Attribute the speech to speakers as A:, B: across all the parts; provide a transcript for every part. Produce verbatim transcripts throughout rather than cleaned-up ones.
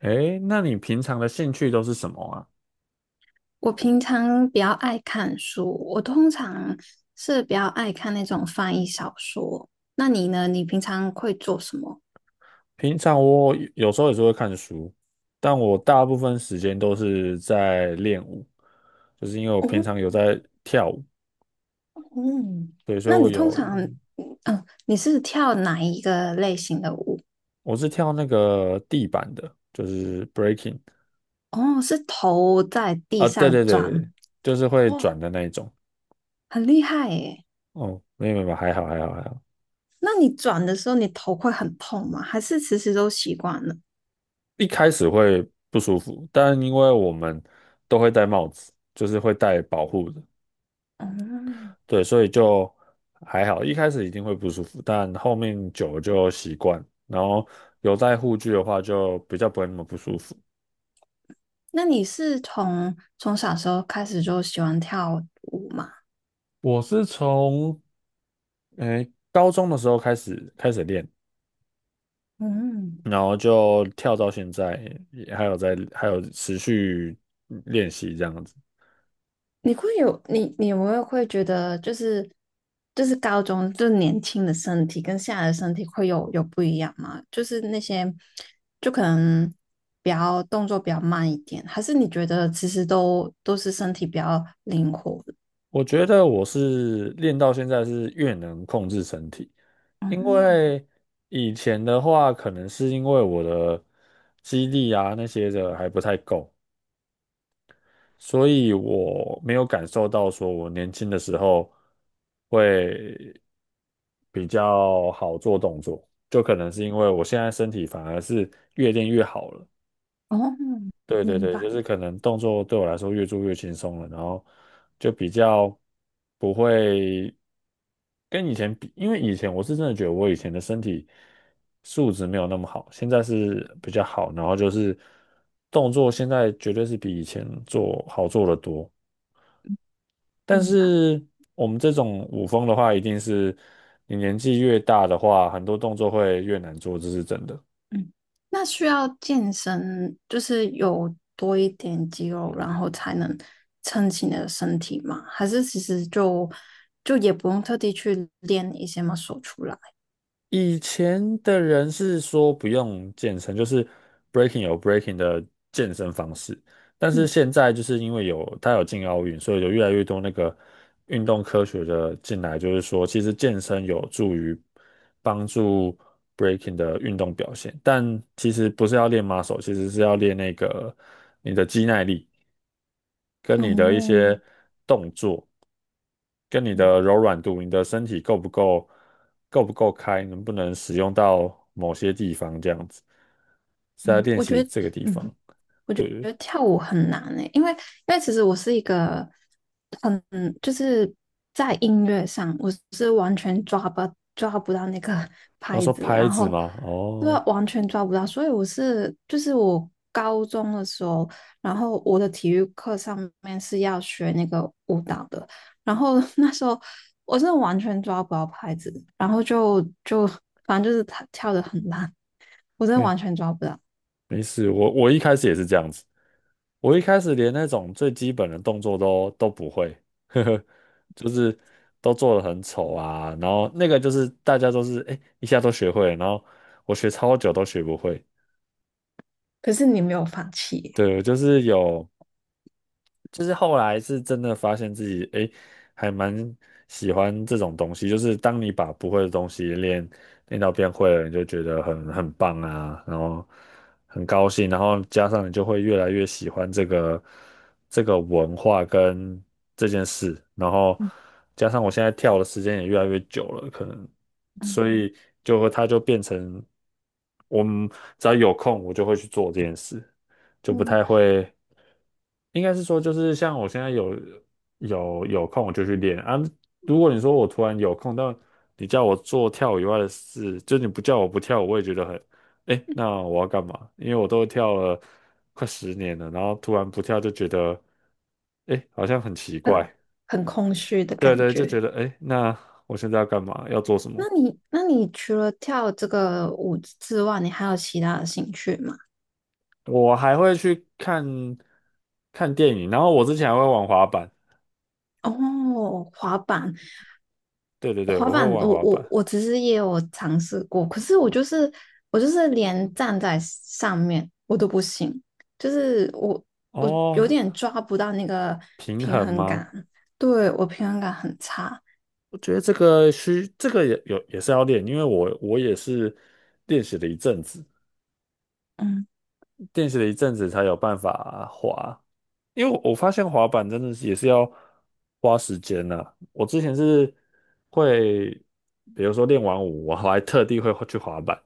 A: 诶，那你平常的兴趣都是什么啊？
B: 我平常比较爱看书，我通常是比较爱看那种翻译小说。那你呢？你平常会做什么？
A: 平常我有有时候也是会看书，但我大部分时间都是在练舞，就是因为我
B: 哦，
A: 平常有在跳舞。
B: 嗯，
A: 对，所以
B: 那
A: 我
B: 你通
A: 有
B: 常，嗯，哦你是跳哪一个类型的舞？
A: 我是跳那个地板的，就是 breaking
B: 哦，是头在地
A: 啊。对
B: 上
A: 对
B: 转，
A: 对，就是会
B: 哇，
A: 转的那一种。
B: 很厉害耶。
A: 哦，没有，没有还好还好还好。
B: 那你转的时候，你头会很痛吗？还是其实都习惯了？
A: 一开始会不舒服，但因为我们都会戴帽子，就是会戴保护的。
B: 嗯，
A: 对，所以就还好，一开始一定会不舒服，但后面久了就习惯，然后有戴护具的话就比较不会那么不舒服。
B: 那你是从从小时候开始就喜欢跳舞吗？
A: 我是从诶高中的时候开始开始练，
B: 嗯。
A: 然后就跳到现在，也还有在还有持续练习这样子。
B: 你会有你你有没有会觉得就是就是高中就是年轻的身体跟现在的身体会有有不一样吗？就是那些就可能比较动作比较慢一点，还是你觉得其实都都是身体比较灵活的？
A: 我觉得我是练到现在是越能控制身体，因
B: 嗯，
A: 为以前的话可能是因为我的肌力啊那些的还不太够。所以我没有感受到说我年轻的时候会比较好做动作，就可能是因为我现在身体反而是越练越好了。
B: 哦，
A: 对对
B: 明
A: 对，就
B: 白
A: 是可能动作对我来说越做越轻松了，然后就比较不会跟以前比，因为以前我是真的觉得我以前的身体素质没有那么好，现在是比较好，然后就是动作现在绝对是比以前做好做得多。但
B: 明白。
A: 是我们这种舞风的话，一定是你年纪越大的话，很多动作会越难做，这是真的。
B: 嗯，那需要健身，就是有多一点肌肉，然后才能撑起你的身体吗？还是其实就就也不用特地去练一些嘛，u 出来？
A: 以前的人是说不用健身，就是 breaking 有 breaking 的健身方式，但是
B: 嗯
A: 现在就是因为有它有进奥运，所以有越来越多那个运动科学的进来，就是说其实健身有助于帮助 breaking 的运动表现，但其实不是要练 muscle，其实是要练那个你的肌耐力跟你的一
B: 哦，
A: 些。跟你的
B: 哇，
A: 柔软度、你的身体够不够、够不够开，能不能使用到某些地方这样子，是在
B: 嗯，
A: 练
B: 我
A: 习
B: 觉得，
A: 这个地
B: 嗯，
A: 方。对，
B: 觉得跳舞很难诶、因为因为其实我是一个很就是在音乐上，我是完全抓不抓不到那个
A: 我、
B: 拍
A: 说
B: 子，
A: 拍
B: 然
A: 子
B: 后
A: 吗？
B: 对啊，
A: 哦，
B: 完全抓不到，所以我是就是我高中的时候，然后我的体育课上面是要学那个舞蹈的，然后 那时候我真的完全抓不到拍子，然后就就反正就是跳跳的很烂，我真的
A: 没
B: 完全抓不到，
A: 没事，我我一开始也是这样子，我一开始连那种最基本的动作都都不会，呵呵，就是都做得很丑啊，然后那个就是大家都是哎、诶一下都学会了，然后我学超久都学不会。
B: 可是你没有放弃耶
A: 对，我就是有就是后来是真的发现自己，诶，还蛮喜欢这种东西。就是当你把不会的东西练练到变会了，你就觉得很很棒啊，然后很高兴，然后加上你就会越来越喜欢这个这个文化跟这件事，然后
B: 嗯
A: 加上我现在跳的时间也越来越久了，可能
B: 嗯。
A: 所以就会它就变成我们只要有空，我就会去做这件事。就不
B: 嗯，
A: 太会。应该是说，就是像我现在有有有空，我就去练啊。如果你说我突然有空，但你叫我做跳舞以外的事，就你不叫我不跳舞，我也觉得很，哎，那我要干嘛？因为我都跳了快十年了，然后突然不跳就觉得，哎，好像很奇
B: 很
A: 怪。
B: 很空虚的
A: 对
B: 感
A: 对，就
B: 觉。
A: 觉得，哎，那我现在要干嘛？要做什么？
B: 那你，那你除了跳这个舞之外，你还有其他的兴趣吗？
A: 我还会去看看电影，然后我之前还会玩滑板。
B: 哦，滑板，
A: 对对对，
B: 滑
A: 我会
B: 板，
A: 玩
B: 我
A: 滑板。
B: 我我其实也有尝试过，可是我就是我就是连站在上面我都不行，就是我我
A: 哦，
B: 有点
A: 是
B: 抓不到那个
A: 平
B: 平
A: 衡
B: 衡
A: 吗？
B: 感，对，我平衡感很差。
A: 我觉得这个需这个也有也是要练，因为我我也是练习了一阵子，
B: 嗯，
A: 练习了一阵子才有办法滑，因为我我发现滑板真的是也是要花时间呐、我之前是会，比如说练完舞，我还特地会去滑板，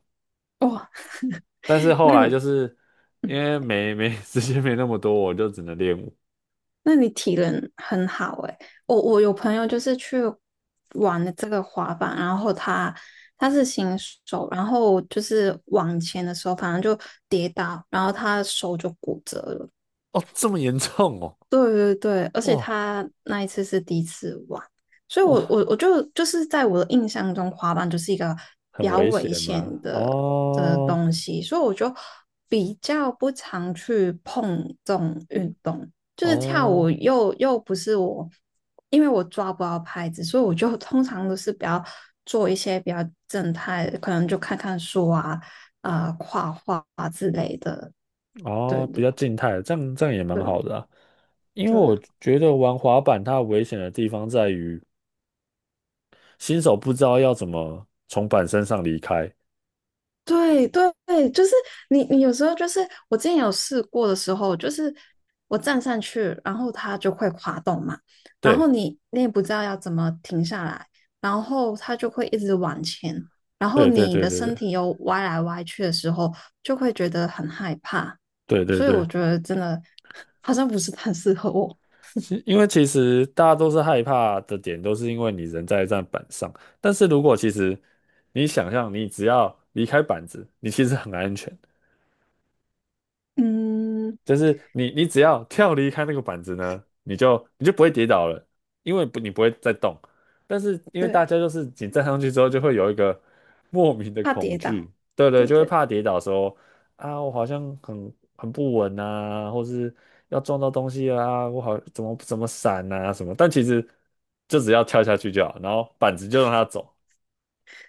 B: 哇，
A: 但是后
B: 那
A: 来
B: 你？
A: 就是因为没没 时间没那么多，我就只能练舞。
B: 那你体能很好诶、我我有朋友就是去玩了这个滑板，然后他他是新手，然后就是往前的时候，反正就跌倒，然后他手就骨折了。
A: 哦，这么严重哦。
B: 对对对，而且
A: 哇
B: 他那一次是第一次玩，所以我
A: 哇，
B: 我我就就是在我的印象中，滑板就是一个比
A: 很
B: 较
A: 危
B: 危
A: 险
B: 险
A: 吗？
B: 的的
A: 哦
B: 东西，所以我就比较不常去碰这种运动。就是跳舞
A: 哦。
B: 又又不是我，因为我抓不到拍子，所以我就通常都是比较做一些比较正态的，可能就看看书啊、啊、画画啊之类的。对
A: 哦，比
B: 对
A: 较静态，这样这样也蛮好
B: 对
A: 的啊。因为
B: 对。
A: 我觉得玩滑板它危险的地方在于，新手不知道要怎么从板身上离开。
B: 对对对，就是你，你有时候就是我之前有试过的时候，就是我站上去，然后它就会滑动嘛，然后
A: 对，
B: 你你也不知道要怎么停下来，然后它就会一直往前，然后
A: 对，对，
B: 你
A: 对，
B: 的
A: 对，
B: 身体又歪来歪去的时候，就会觉得很害怕，
A: 对，对，对，
B: 所以我
A: 对。
B: 觉得真的 好像不是很适合我。
A: 其因为其实大家都是害怕的点，都是因为你人在一站板上。但是如果其实你想象，你只要离开板子，你其实很安全。
B: 嗯，
A: 就是你你只要跳离开那个板子呢，你就你就不会跌倒了，因为不你不会再动。但是因为大家
B: 对，
A: 就是你站上去之后，就会有一个莫名的
B: 怕
A: 恐
B: 跌倒。
A: 惧，对对，
B: 对
A: 就会
B: 对
A: 怕跌倒说啊，我好像很很不稳啊，或是要撞到东西啊，我好怎么怎么闪啊什么。但其实就只要跳下去就好，然后板子就让它走，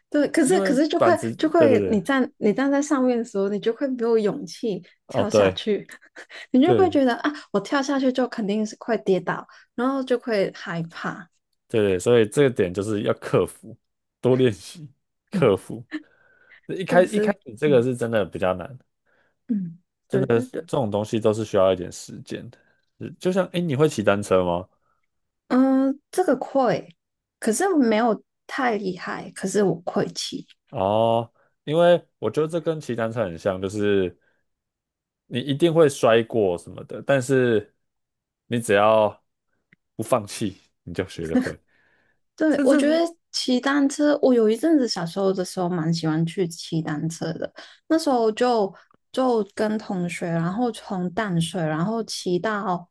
B: 对，可
A: 因
B: 是可
A: 为
B: 是就会
A: 板子，
B: 就
A: 对对
B: 会，
A: 对，
B: 你站你站在上面的时候，你就会没有勇气
A: 哦
B: 跳下
A: 对。
B: 去，你就会
A: 对
B: 觉得啊，我跳下去就肯定是会跌倒，然后就会害怕。
A: 对对，所以这个点就是要克服，多练习，
B: 嗯，
A: 克服。一开
B: 就
A: 一开
B: 是
A: 始这个
B: 嗯
A: 是真的比较难，
B: 嗯，对对对，
A: 这种东西都是需要一点时间的。是就像，诶，你会骑单车吗？
B: 嗯，这个会，可是没有太厉害，可是我会骑。
A: 哦，因为我觉得这跟骑单车很像，就是你一定会摔过什么的，但是你只要不放弃，你就学得会。
B: 对，
A: 甚
B: 我
A: 至
B: 觉得骑单车，我有一阵子小时候的时候蛮喜欢去骑单车的。那时候就就跟同学，然后从淡水，然后骑到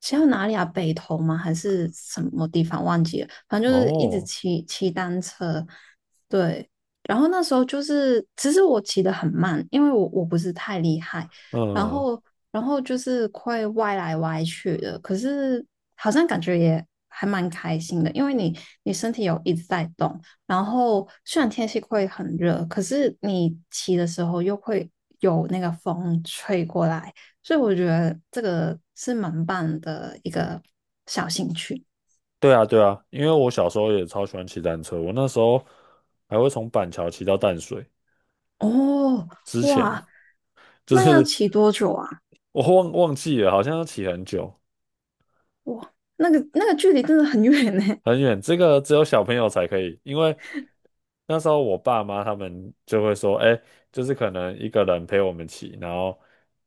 B: 骑到哪里啊？北投吗？还是什么地方？忘记了。反正就是一直
A: 哦，
B: 骑骑单车。对，然后那时候就是，其实我骑得很慢，因为我我不是太厉害。然
A: 嗯，
B: 后然后就是会歪来歪去的，可是好像感觉也还蛮开心的，因为你你身体有一直在动，然后虽然天气会很热，可是你骑的时候又会有那个风吹过来，所以我觉得这个是蛮棒的一个小兴趣
A: 对啊，对啊，因为我小时候也超喜欢骑单车，我那时候还会从板桥骑到淡水。
B: 哦，
A: 之前，
B: 哇，
A: 就
B: 那要
A: 是
B: 骑多久啊？
A: 我忘忘记了，好像要骑很久
B: 哇，那个那个距离真的很远呢，
A: 很远。这个只有小朋友才可以，因为那时候我爸妈他们就会说，哎，就是可能一个人陪我们骑，然后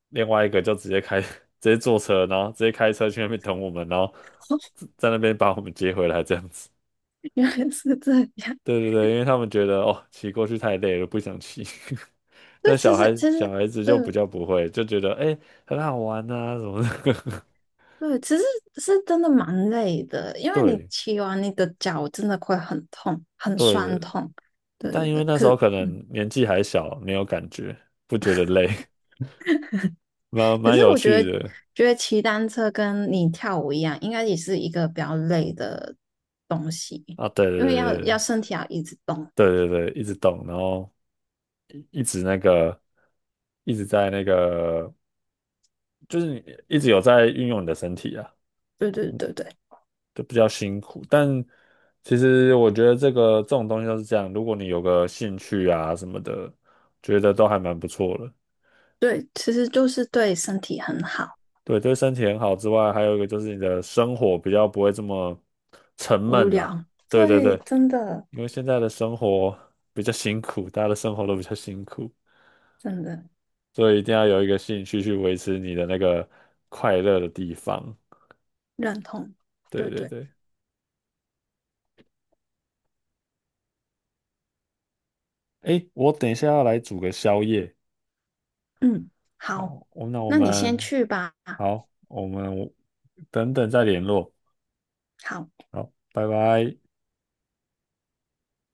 A: 另外一个就直接开 直接坐车，然后直接开车去那边等我们，然后在那边把我们接回来这样子。
B: 原来是这样。
A: 对对对，因为他们觉得哦，骑过去太累了，不想骑。
B: 对，
A: 但
B: 其
A: 小
B: 实
A: 孩
B: 其
A: 小
B: 实
A: 孩子就比
B: 对
A: 较不会，就觉得哎、很好玩啊什么的。
B: 对，其实是真的蛮累的，因为你
A: 对
B: 骑完你的脚真的会很痛，很
A: 对，
B: 酸痛。对
A: 但
B: 对
A: 因为
B: 对，
A: 那时候
B: 可
A: 可能年纪还小，没有感觉，不觉得累，蛮
B: 可
A: 蛮
B: 是
A: 有
B: 我觉
A: 趣
B: 得，
A: 的
B: 觉得骑单车跟你跳舞一样，应该也是一个比较累的东西，
A: 啊！对对
B: 因为要
A: 对对
B: 要身体要一直动。
A: 对对，对一直动，然后一直那个，一直在那个，就是你一直有在运用你的身体啊，
B: 对对对对
A: 就比较辛苦。但其实我觉得这个这种东西都是这样，如果你有个兴趣啊什么的，觉得都还蛮不错的。
B: 对，其实就是对身体很好。
A: 对，对身体很好之外，还有一个就是你的生活比较不会这么沉
B: 无
A: 闷啦。
B: 聊，
A: 对对
B: 对，
A: 对，
B: 真的
A: 因为现在的生活比较辛苦，大家的生活都比较辛苦，
B: 真的
A: 所以一定要有一个兴趣去维持你的那个快乐的地方。
B: 认同。
A: 对
B: 对
A: 对
B: 对，
A: 对，诶，我等一下要来煮个宵夜，
B: 嗯，好，
A: 好，我那我
B: 那你先
A: 们
B: 去吧。
A: 好，我们等等再联络，
B: 好。
A: 好，拜拜。